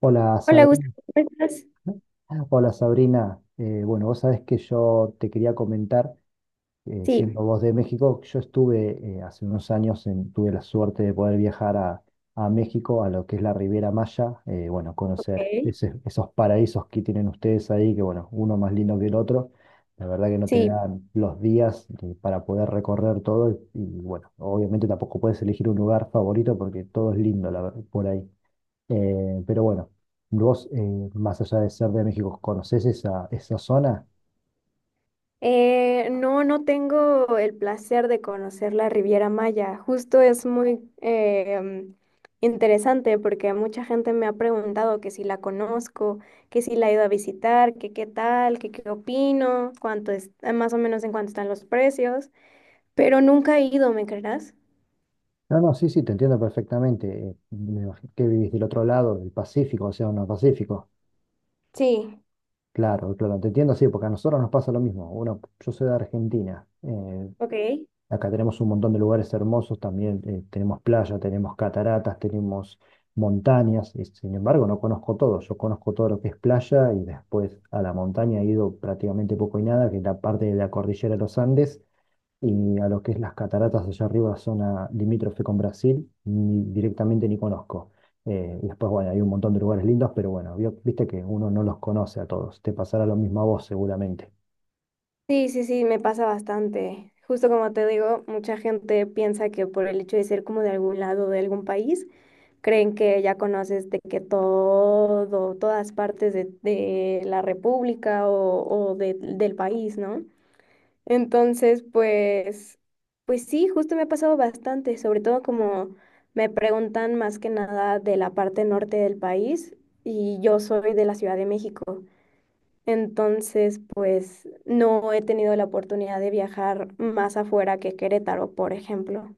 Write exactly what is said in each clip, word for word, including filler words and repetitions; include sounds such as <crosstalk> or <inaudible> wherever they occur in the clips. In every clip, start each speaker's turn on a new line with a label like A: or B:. A: Hola
B: Hola,
A: Sabrina,
B: Gustavo, ¿cómo estás?
A: hola Sabrina. Eh, bueno, vos sabés que yo te quería comentar, eh, siendo
B: Sí,
A: vos de México, yo estuve eh, hace unos años, en- tuve la suerte de poder viajar a, a México, a lo que es la Riviera Maya, eh, bueno, conocer
B: ok.
A: ese- esos paraísos que tienen ustedes ahí, que bueno, uno más lindo que el otro, la verdad que no te
B: Sí.
A: dan los días eh, para poder recorrer todo y, y, bueno, obviamente tampoco puedes elegir un lugar favorito porque todo es lindo la ver- por ahí. Eh, pero bueno, vos, eh, más allá de ser de México, ¿conocés esa, esa zona?
B: Eh, no, no tengo el placer de conocer la Riviera Maya. Justo es muy eh, mm, interesante porque mucha gente me ha preguntado que si la conozco, que si la he ido a visitar, que qué tal, que qué opino, cuánto es, eh, más o menos en cuánto están los precios, pero nunca he ido, ¿me creerás?
A: No, no, sí, sí, te entiendo perfectamente. eh, me imagino que vivís del otro lado, del Pacífico, o sea, no Pacífico.
B: Sí,
A: Claro, claro, te entiendo, sí, porque a nosotros nos pasa lo mismo. Bueno, yo soy de Argentina. eh,
B: ok.
A: acá tenemos un montón de lugares hermosos también. eh, tenemos playa, tenemos cataratas, tenemos montañas. Y sin embargo, no conozco todo. Yo conozco todo lo que es playa y después a la montaña he ido prácticamente poco y nada, que es la parte de la cordillera de los Andes y a lo que es las cataratas allá arriba, zona limítrofe con Brasil, ni directamente ni conozco. Eh, y después, bueno, hay un montón de lugares lindos, pero bueno, vi- viste que uno no los conoce a todos. Te pasará lo mismo a vos seguramente.
B: Sí, sí, sí, me pasa bastante. Justo como te digo, mucha gente piensa que por el hecho de ser como de algún lado de algún país, creen que ya conoces de que todo, todas partes de, de la república o, o de- del país, ¿no? Entonces, pues, pues sí, justo me ha pasado bastante, sobre todo como me preguntan más que nada de la parte norte del país y yo soy de la Ciudad de México. Entonces, pues no he tenido la oportunidad de viajar más afuera que Querétaro, por ejemplo.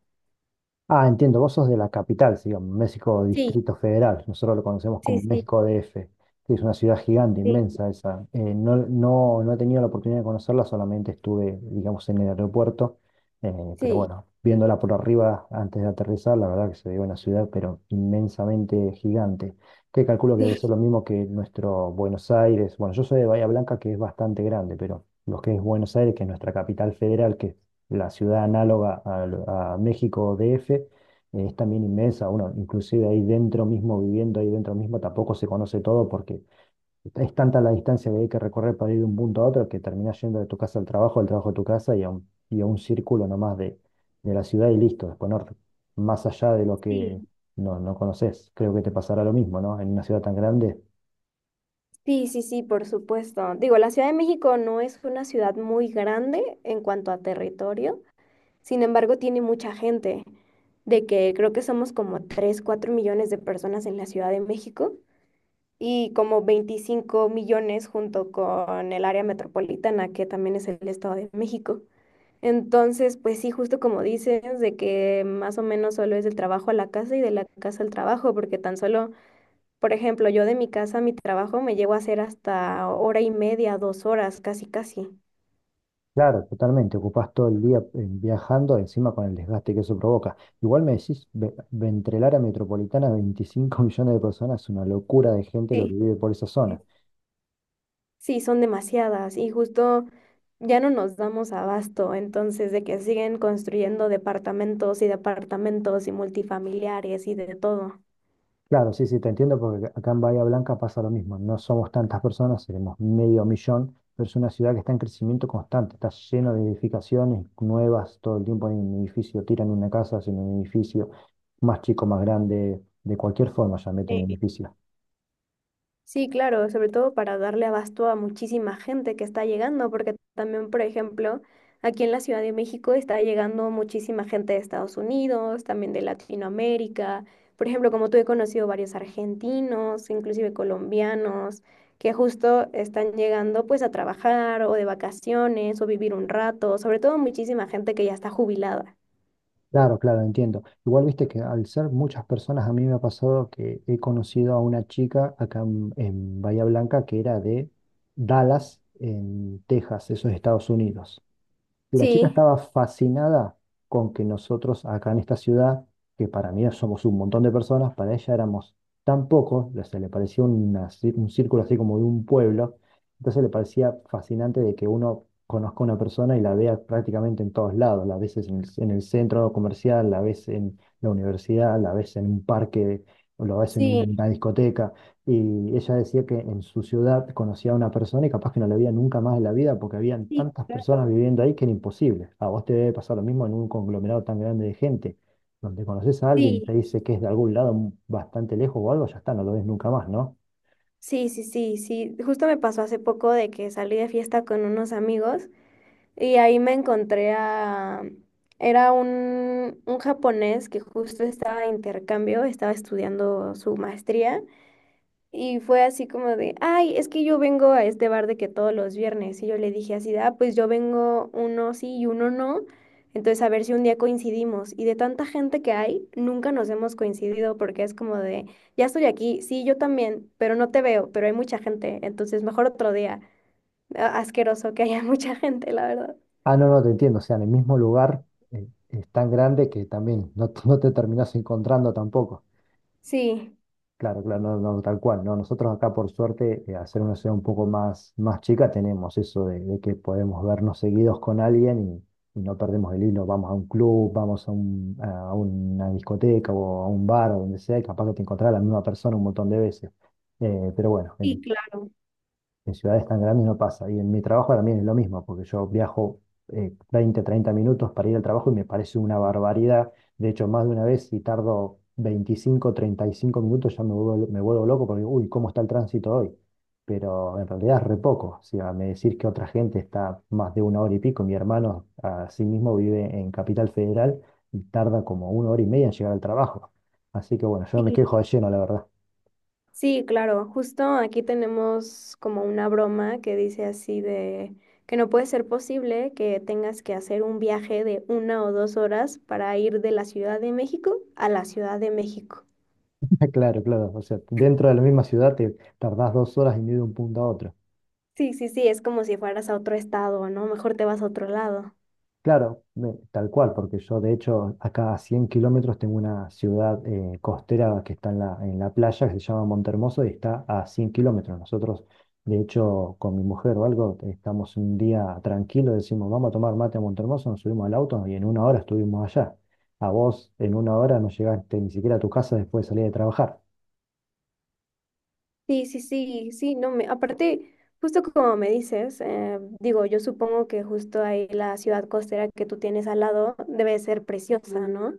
A: Ah, entiendo, vos sos de la capital, sí, digamos, México
B: Sí,
A: Distrito Federal. Nosotros lo conocemos
B: sí,
A: como
B: sí,
A: México D. F., que es una ciudad gigante,
B: sí.
A: inmensa esa. Eh, no, no, no he tenido la oportunidad de conocerla, solamente estuve, digamos, en el aeropuerto. eh, pero
B: Sí,
A: bueno, viéndola por arriba antes de aterrizar, la verdad que se ve una ciudad, pero inmensamente gigante. Que calculo que
B: sí,
A: debe ser lo mismo que nuestro Buenos Aires. Bueno, yo soy de Bahía Blanca, que es bastante grande, pero lo que es Buenos Aires, que es nuestra capital federal, que la ciudad análoga a, a México D F, eh, es también inmensa. Uno, inclusive ahí dentro mismo, viviendo ahí dentro mismo, tampoco se conoce todo porque es tanta la distancia que hay que recorrer para ir de un punto a otro que terminás yendo de tu casa al trabajo, del trabajo a tu casa y a un, y a un círculo nomás de, de la ciudad y listo. Después no- más allá de lo que
B: sí.
A: no, no conoces. Creo que te pasará lo mismo, ¿no? En una ciudad tan grande.
B: Sí, sí, sí, por supuesto. Digo, la Ciudad de México no es una ciudad muy grande en cuanto a territorio, sin embargo, tiene mucha gente, de que creo que somos como tres cuatro millones de personas en la Ciudad de México y como veinticinco millones junto con el área metropolitana, que también es el Estado de México. Entonces, pues sí, justo como dices, de que más o menos solo es del trabajo a la casa y de la casa al trabajo, porque tan solo, por ejemplo, yo de mi casa a mi trabajo me llevo a hacer hasta hora y media, dos horas, casi, casi.
A: Claro, totalmente. Ocupás todo el día eh, viajando, encima con el desgaste que eso provoca. Igual me decís, ve- Ventrel a metropolitana, veinticinco <laughs> millones de personas, es una locura de gente lo que
B: Sí.
A: vive por esa zona.
B: Sí, son demasiadas y justo ya no nos damos abasto, entonces de que siguen construyendo departamentos y departamentos y multifamiliares y de todo.
A: Claro, sí, sí, te entiendo porque acá en Bahía Blanca pasa lo mismo. No somos tantas personas, seremos medio millón, pero es una ciudad que está en crecimiento constante, está lleno de edificaciones nuevas, todo el tiempo hay un edificio, tiran una casa, hacen un edificio más chico, más grande, de cualquier forma ya meten edificios.
B: Sí, claro, sobre todo para darle abasto a muchísima gente que está llegando, porque también, por ejemplo, aquí en la Ciudad de México está llegando muchísima gente de Estados Unidos, también de Latinoamérica. Por ejemplo, como tú he conocido varios argentinos, inclusive colombianos, que justo están llegando pues a trabajar o de vacaciones o vivir un rato, sobre todo muchísima gente que ya está jubilada.
A: Claro, claro, entiendo. Igual viste que al ser muchas personas, a mí me ha pasado que he conocido a una chica acá en, en Bahía Blanca que era de Dallas, en Texas, eso es Estados Unidos. La chica
B: Sí,
A: estaba fascinada con que nosotros acá en esta ciudad, que para mí somos un montón de personas, para ella éramos tan pocos, le- se le parecía una cir- un círculo así como de un pueblo, entonces le parecía fascinante de que uno conozca a una persona y la vea prácticamente en todos lados, la ves en el, en el centro comercial, la ves en la universidad, la ves en un parque, o la ves en
B: sí.
A: una discoteca. Y ella decía que en su ciudad conocía a una persona y capaz que no la veía nunca más en la vida porque habían
B: Sí,
A: tantas personas
B: claro.
A: viviendo ahí que era imposible. A vos te debe pasar lo mismo en un conglomerado tan grande de gente, donde conoces a alguien, te
B: Sí.
A: dice que es de algún lado bastante lejos o algo, ya está, no lo ves nunca más, ¿no?
B: Sí, sí, sí, sí. Justo me pasó hace poco de que salí de fiesta con unos amigos y ahí me encontré a... Era un, un japonés que justo estaba de intercambio, estaba estudiando su maestría y fue así como de, ay, es que yo vengo a este bar de que todos los viernes. Y yo le dije así, de, ah, pues yo vengo uno sí y uno no. Entonces a ver si un día coincidimos. Y de tanta gente que hay, nunca nos hemos coincidido porque es como de, ya estoy aquí, sí, yo también, pero no te veo, pero hay mucha gente. Entonces mejor otro día. A- Asqueroso que haya <laughs> mucha gente, la verdad.
A: Ah, no, no, te entiendo. O sea, en el mismo lugar eh, es tan grande que también no, <laughs> te no te terminás encontrando tampoco.
B: Sí,
A: Claro, claro, no, no, tal cual, ¿no? Nosotros acá, por suerte, eh, al ser una ciudad un poco más, más chica, tenemos eso de, de que podemos vernos seguidos con alguien y, y no perdemos el hilo. Vamos a un club, vamos a, un- a una discoteca o a un bar o donde sea, y capaz que te encontrás a la misma persona un montón de veces. Eh, pero bueno,
B: sí,
A: en-
B: claro.
A: en ciudades tan grandes no pasa. Y en mi trabajo también es lo mismo, porque yo viajo eh, veinte, treinta minutos para ir al trabajo y me parece una barbaridad. De hecho, más de una vez, si tardo veinticinco, treinta y cinco minutos, ya me vuelvo, me vuelvo loco porque, uy, ¿cómo está el tránsito hoy? Pero en realidad es re poco. O sea, me decir que otra gente está más de una hora y pico. Mi hermano, a sí mismo, vive en Capital Federal y tarda como una hora y media en llegar al trabajo. Así que bueno, yo no me quejo
B: Sí.
A: de lleno, la verdad.
B: Sí, claro, justo aquí tenemos como una broma que dice así de que no puede ser posible que tengas que hacer un viaje de una o dos horas para ir de la Ciudad de México a la Ciudad de México.
A: <laughs> Ah, claro, claro. O sea, dentro de la misma ciudad te tardás dos horas en ir de un punto a otro.
B: Sí, sí, sí, es como si fueras a otro estado, ¿no? Mejor te vas a otro lado.
A: Claro, me- tal cual, porque yo de hecho acá a cien kilómetros tengo una ciudad eh, costera que está en la, en la playa, que se llama Montehermoso y está a cien kilómetros. Nosotros, de hecho, con mi mujer o algo, estamos un día tranquilo, decimos, vamos a tomar mate a Montehermoso, nos subimos al auto y en una hora estuvimos allá. A vos en una hora no llegaste ni siquiera a tu casa después de salir de trabajar.
B: Sí, sí, sí, sí, no me, aparte, justo como me dices, eh, digo, yo supongo que justo ahí la ciudad costera que tú tienes al lado debe ser preciosa, ¿no?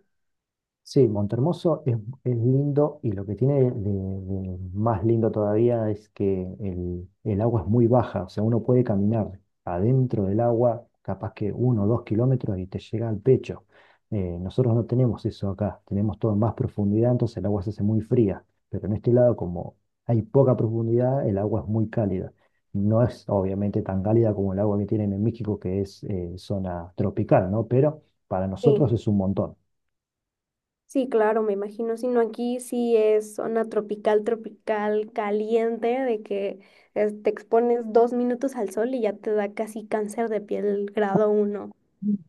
A: Sí, Montehermoso es, es lindo y lo que tiene de, de más lindo todavía es que el, el agua es muy baja, o sea, uno puede caminar adentro del agua, capaz que uno o dos kilómetros y te llega al pecho. Eh, nosotros no tenemos eso acá, tenemos todo en más profundidad, entonces el agua se hace muy fría, pero en este lado como hay poca profundidad, el agua es muy cálida. No es obviamente tan cálida como el agua que tienen en México, que es eh, zona tropical, ¿no? Pero para nosotros
B: Sí.
A: es un montón.
B: Sí, claro, me imagino, sino aquí sí es zona tropical, tropical, caliente, de que es- te expones dos minutos al sol y ya te da casi cáncer de piel grado uno.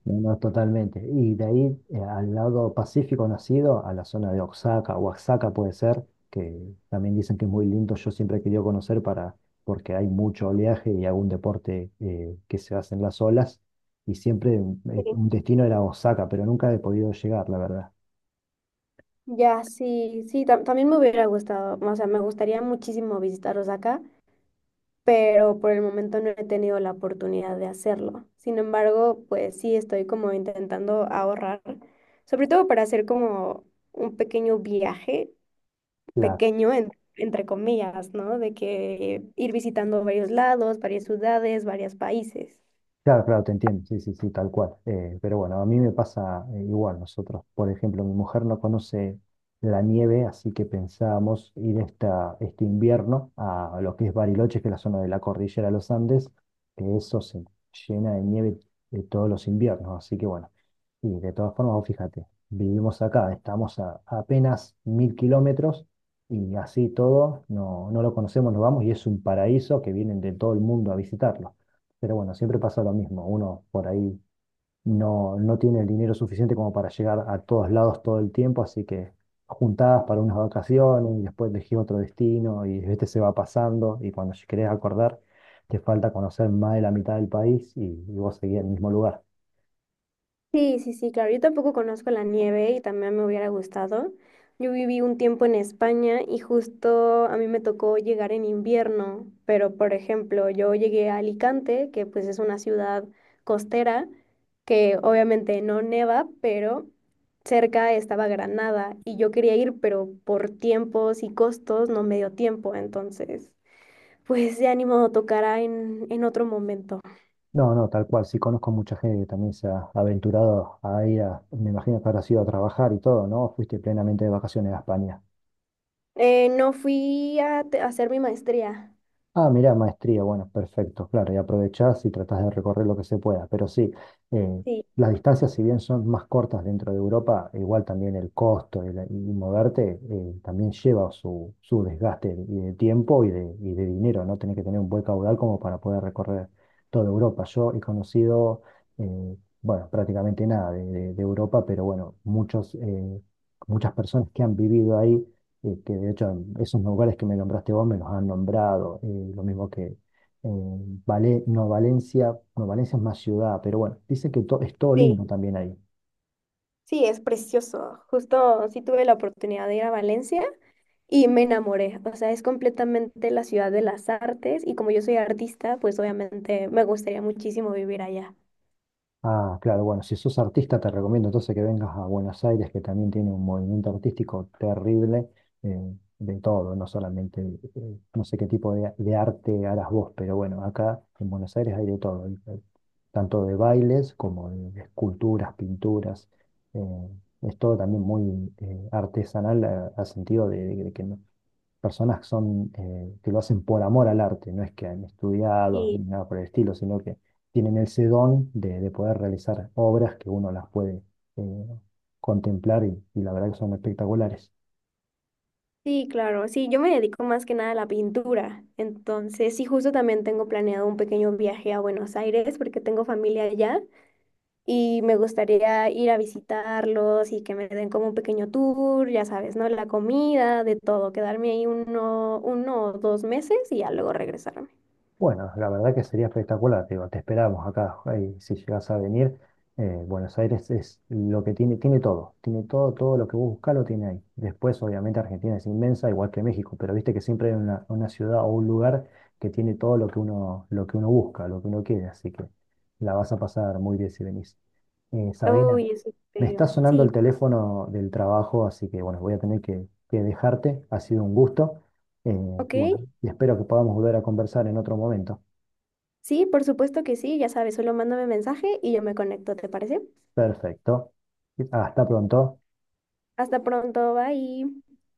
A: No, no, totalmente. Y de ahí eh, al lado pacífico nacido, a la zona de Oaxaca, Oaxaca puede ser, que también dicen que es muy lindo, yo siempre he querido conocer para, porque hay mucho oleaje y algún deporte eh, que se hace en las olas, y siempre eh,
B: Sí.
A: un destino era Oaxaca, pero nunca he podido llegar, la verdad.
B: Ya, sí, sí, tam- también me hubiera gustado, o sea, me gustaría muchísimo visitar Osaka, pero por el momento no he tenido la oportunidad de hacerlo. Sin embargo, pues sí estoy como intentando ahorrar, sobre todo para hacer como un pequeño viaje pequeño, en- entre comillas, ¿no? De que ir visitando varios lados, varias ciudades, varios países.
A: Claro, claro, te entiendo, sí, sí, sí, tal cual. Eh, pero bueno, a mí me pasa eh, igual. Nosotros, por ejemplo, mi mujer no conoce la nieve, así que pensábamos ir esta, este invierno a lo que es Bariloche, que es la zona de la cordillera de los Andes, que eso se llena de nieve eh, todos los inviernos. Así que bueno, y de todas formas, vos fíjate, vivimos acá, estamos a, a apenas mil kilómetros y así todo, no, no lo conocemos, nos vamos y es un paraíso que vienen de todo el mundo a visitarlo. Pero bueno, siempre pasa lo mismo. Uno por ahí no, no tiene el dinero suficiente como para llegar a todos lados todo el tiempo, así que juntadas para unas vacaciones y después elegí otro destino y este se va pasando y cuando querés acordar te falta conocer más de la mitad del país y, y vos seguís en el mismo lugar.
B: Sí, sí, sí, claro. Yo tampoco conozco la nieve y también me hubiera gustado. Yo viví un tiempo en España y justo a mí me tocó llegar en invierno, pero por ejemplo, yo llegué a Alicante, que pues es una ciudad costera, que obviamente no neva, pero cerca estaba Granada y yo quería ir, pero por tiempos y costos no me dio tiempo, entonces. Pues de ánimo tocará en, en otro momento.
A: No, no, tal cual. Sí conozco mucha gente que también se ha aventurado a ir a, me imagino que habrás ido a trabajar y todo, ¿no? Fuiste plenamente de vacaciones a España.
B: Eh, no fui a, te- a hacer mi maestría.
A: Ah, mirá, maestría, bueno, perfecto, claro, y aprovechás y tratás de recorrer lo que se pueda, pero sí, eh,
B: Sí,
A: las distancias, si bien son más cortas dentro de Europa, igual también el costo y, la- y moverte eh, también lleva su, su desgaste y de tiempo y de, y de dinero, ¿no? Tenés que tener un buen caudal como para poder recorrer toda Europa. Yo he conocido, eh, bueno, prácticamente nada de, de- de Europa, pero bueno, muchos, eh, muchas personas que han vivido ahí eh, que de hecho en esos lugares que me nombraste vos me los han nombrado, eh, lo mismo que eh, Vale- no Valencia, no Valencia es más ciudad, pero bueno, dice que to- es todo
B: sí,
A: lindo también ahí.
B: sí, es precioso. Justo sí tuve la oportunidad de ir a Valencia y me enamoré. O sea, es completamente la ciudad de las artes y como yo soy artista, pues obviamente me gustaría muchísimo vivir allá.
A: Ah, claro, bueno, si sos artista te recomiendo entonces que vengas a Buenos Aires, que también tiene un movimiento artístico terrible eh, de todo, no solamente, eh, no sé qué tipo de, de arte harás vos, pero bueno, acá en Buenos Aires hay de todo, hay- hay tanto de bailes como de esculturas, pinturas, eh, es todo también muy eh, artesanal a- al sentido de, de que no, personas que son, eh, que lo hacen por amor al arte, no es que han estudiado
B: Sí.
A: ni nada por el estilo, sino que tienen ese don de, de poder realizar obras que uno las puede eh, contemplar y, y la verdad que son espectaculares.
B: Sí, claro, sí, yo me dedico más que nada a la pintura. Entonces, sí, justo también tengo planeado un pequeño viaje a Buenos Aires porque tengo familia allá. Y me gustaría ir a visitarlos y que me den como un pequeño tour, ya sabes, ¿no? La comida, de todo, quedarme ahí uno, uno o dos meses y ya luego regresarme.
A: Bueno, la verdad que sería espectacular, te digo, te esperamos acá, ahí, si llegas a venir, eh, Buenos Aires es lo que tiene, tiene todo, tiene todo, todo lo que vos buscás lo tiene ahí. Después, obviamente, Argentina es inmensa, igual que México, pero viste que siempre hay una, una ciudad o un lugar que tiene todo lo que uno, lo que uno busca, lo que uno quiere, así que la vas a pasar muy bien si venís. Eh, Sabrina,
B: Uy, eso
A: me está
B: espero.
A: sonando
B: Sí,
A: el teléfono del trabajo, así que bueno, voy a tener que, que dejarte. Ha sido un gusto. eh,
B: ok.
A: y bueno, y espero que podamos volver a conversar en otro momento.
B: Sí, por supuesto que sí, ya sabes, solo mándame mensaje y yo me conecto, ¿te parece?
A: Perfecto. Hasta pronto.
B: Hasta pronto, bye.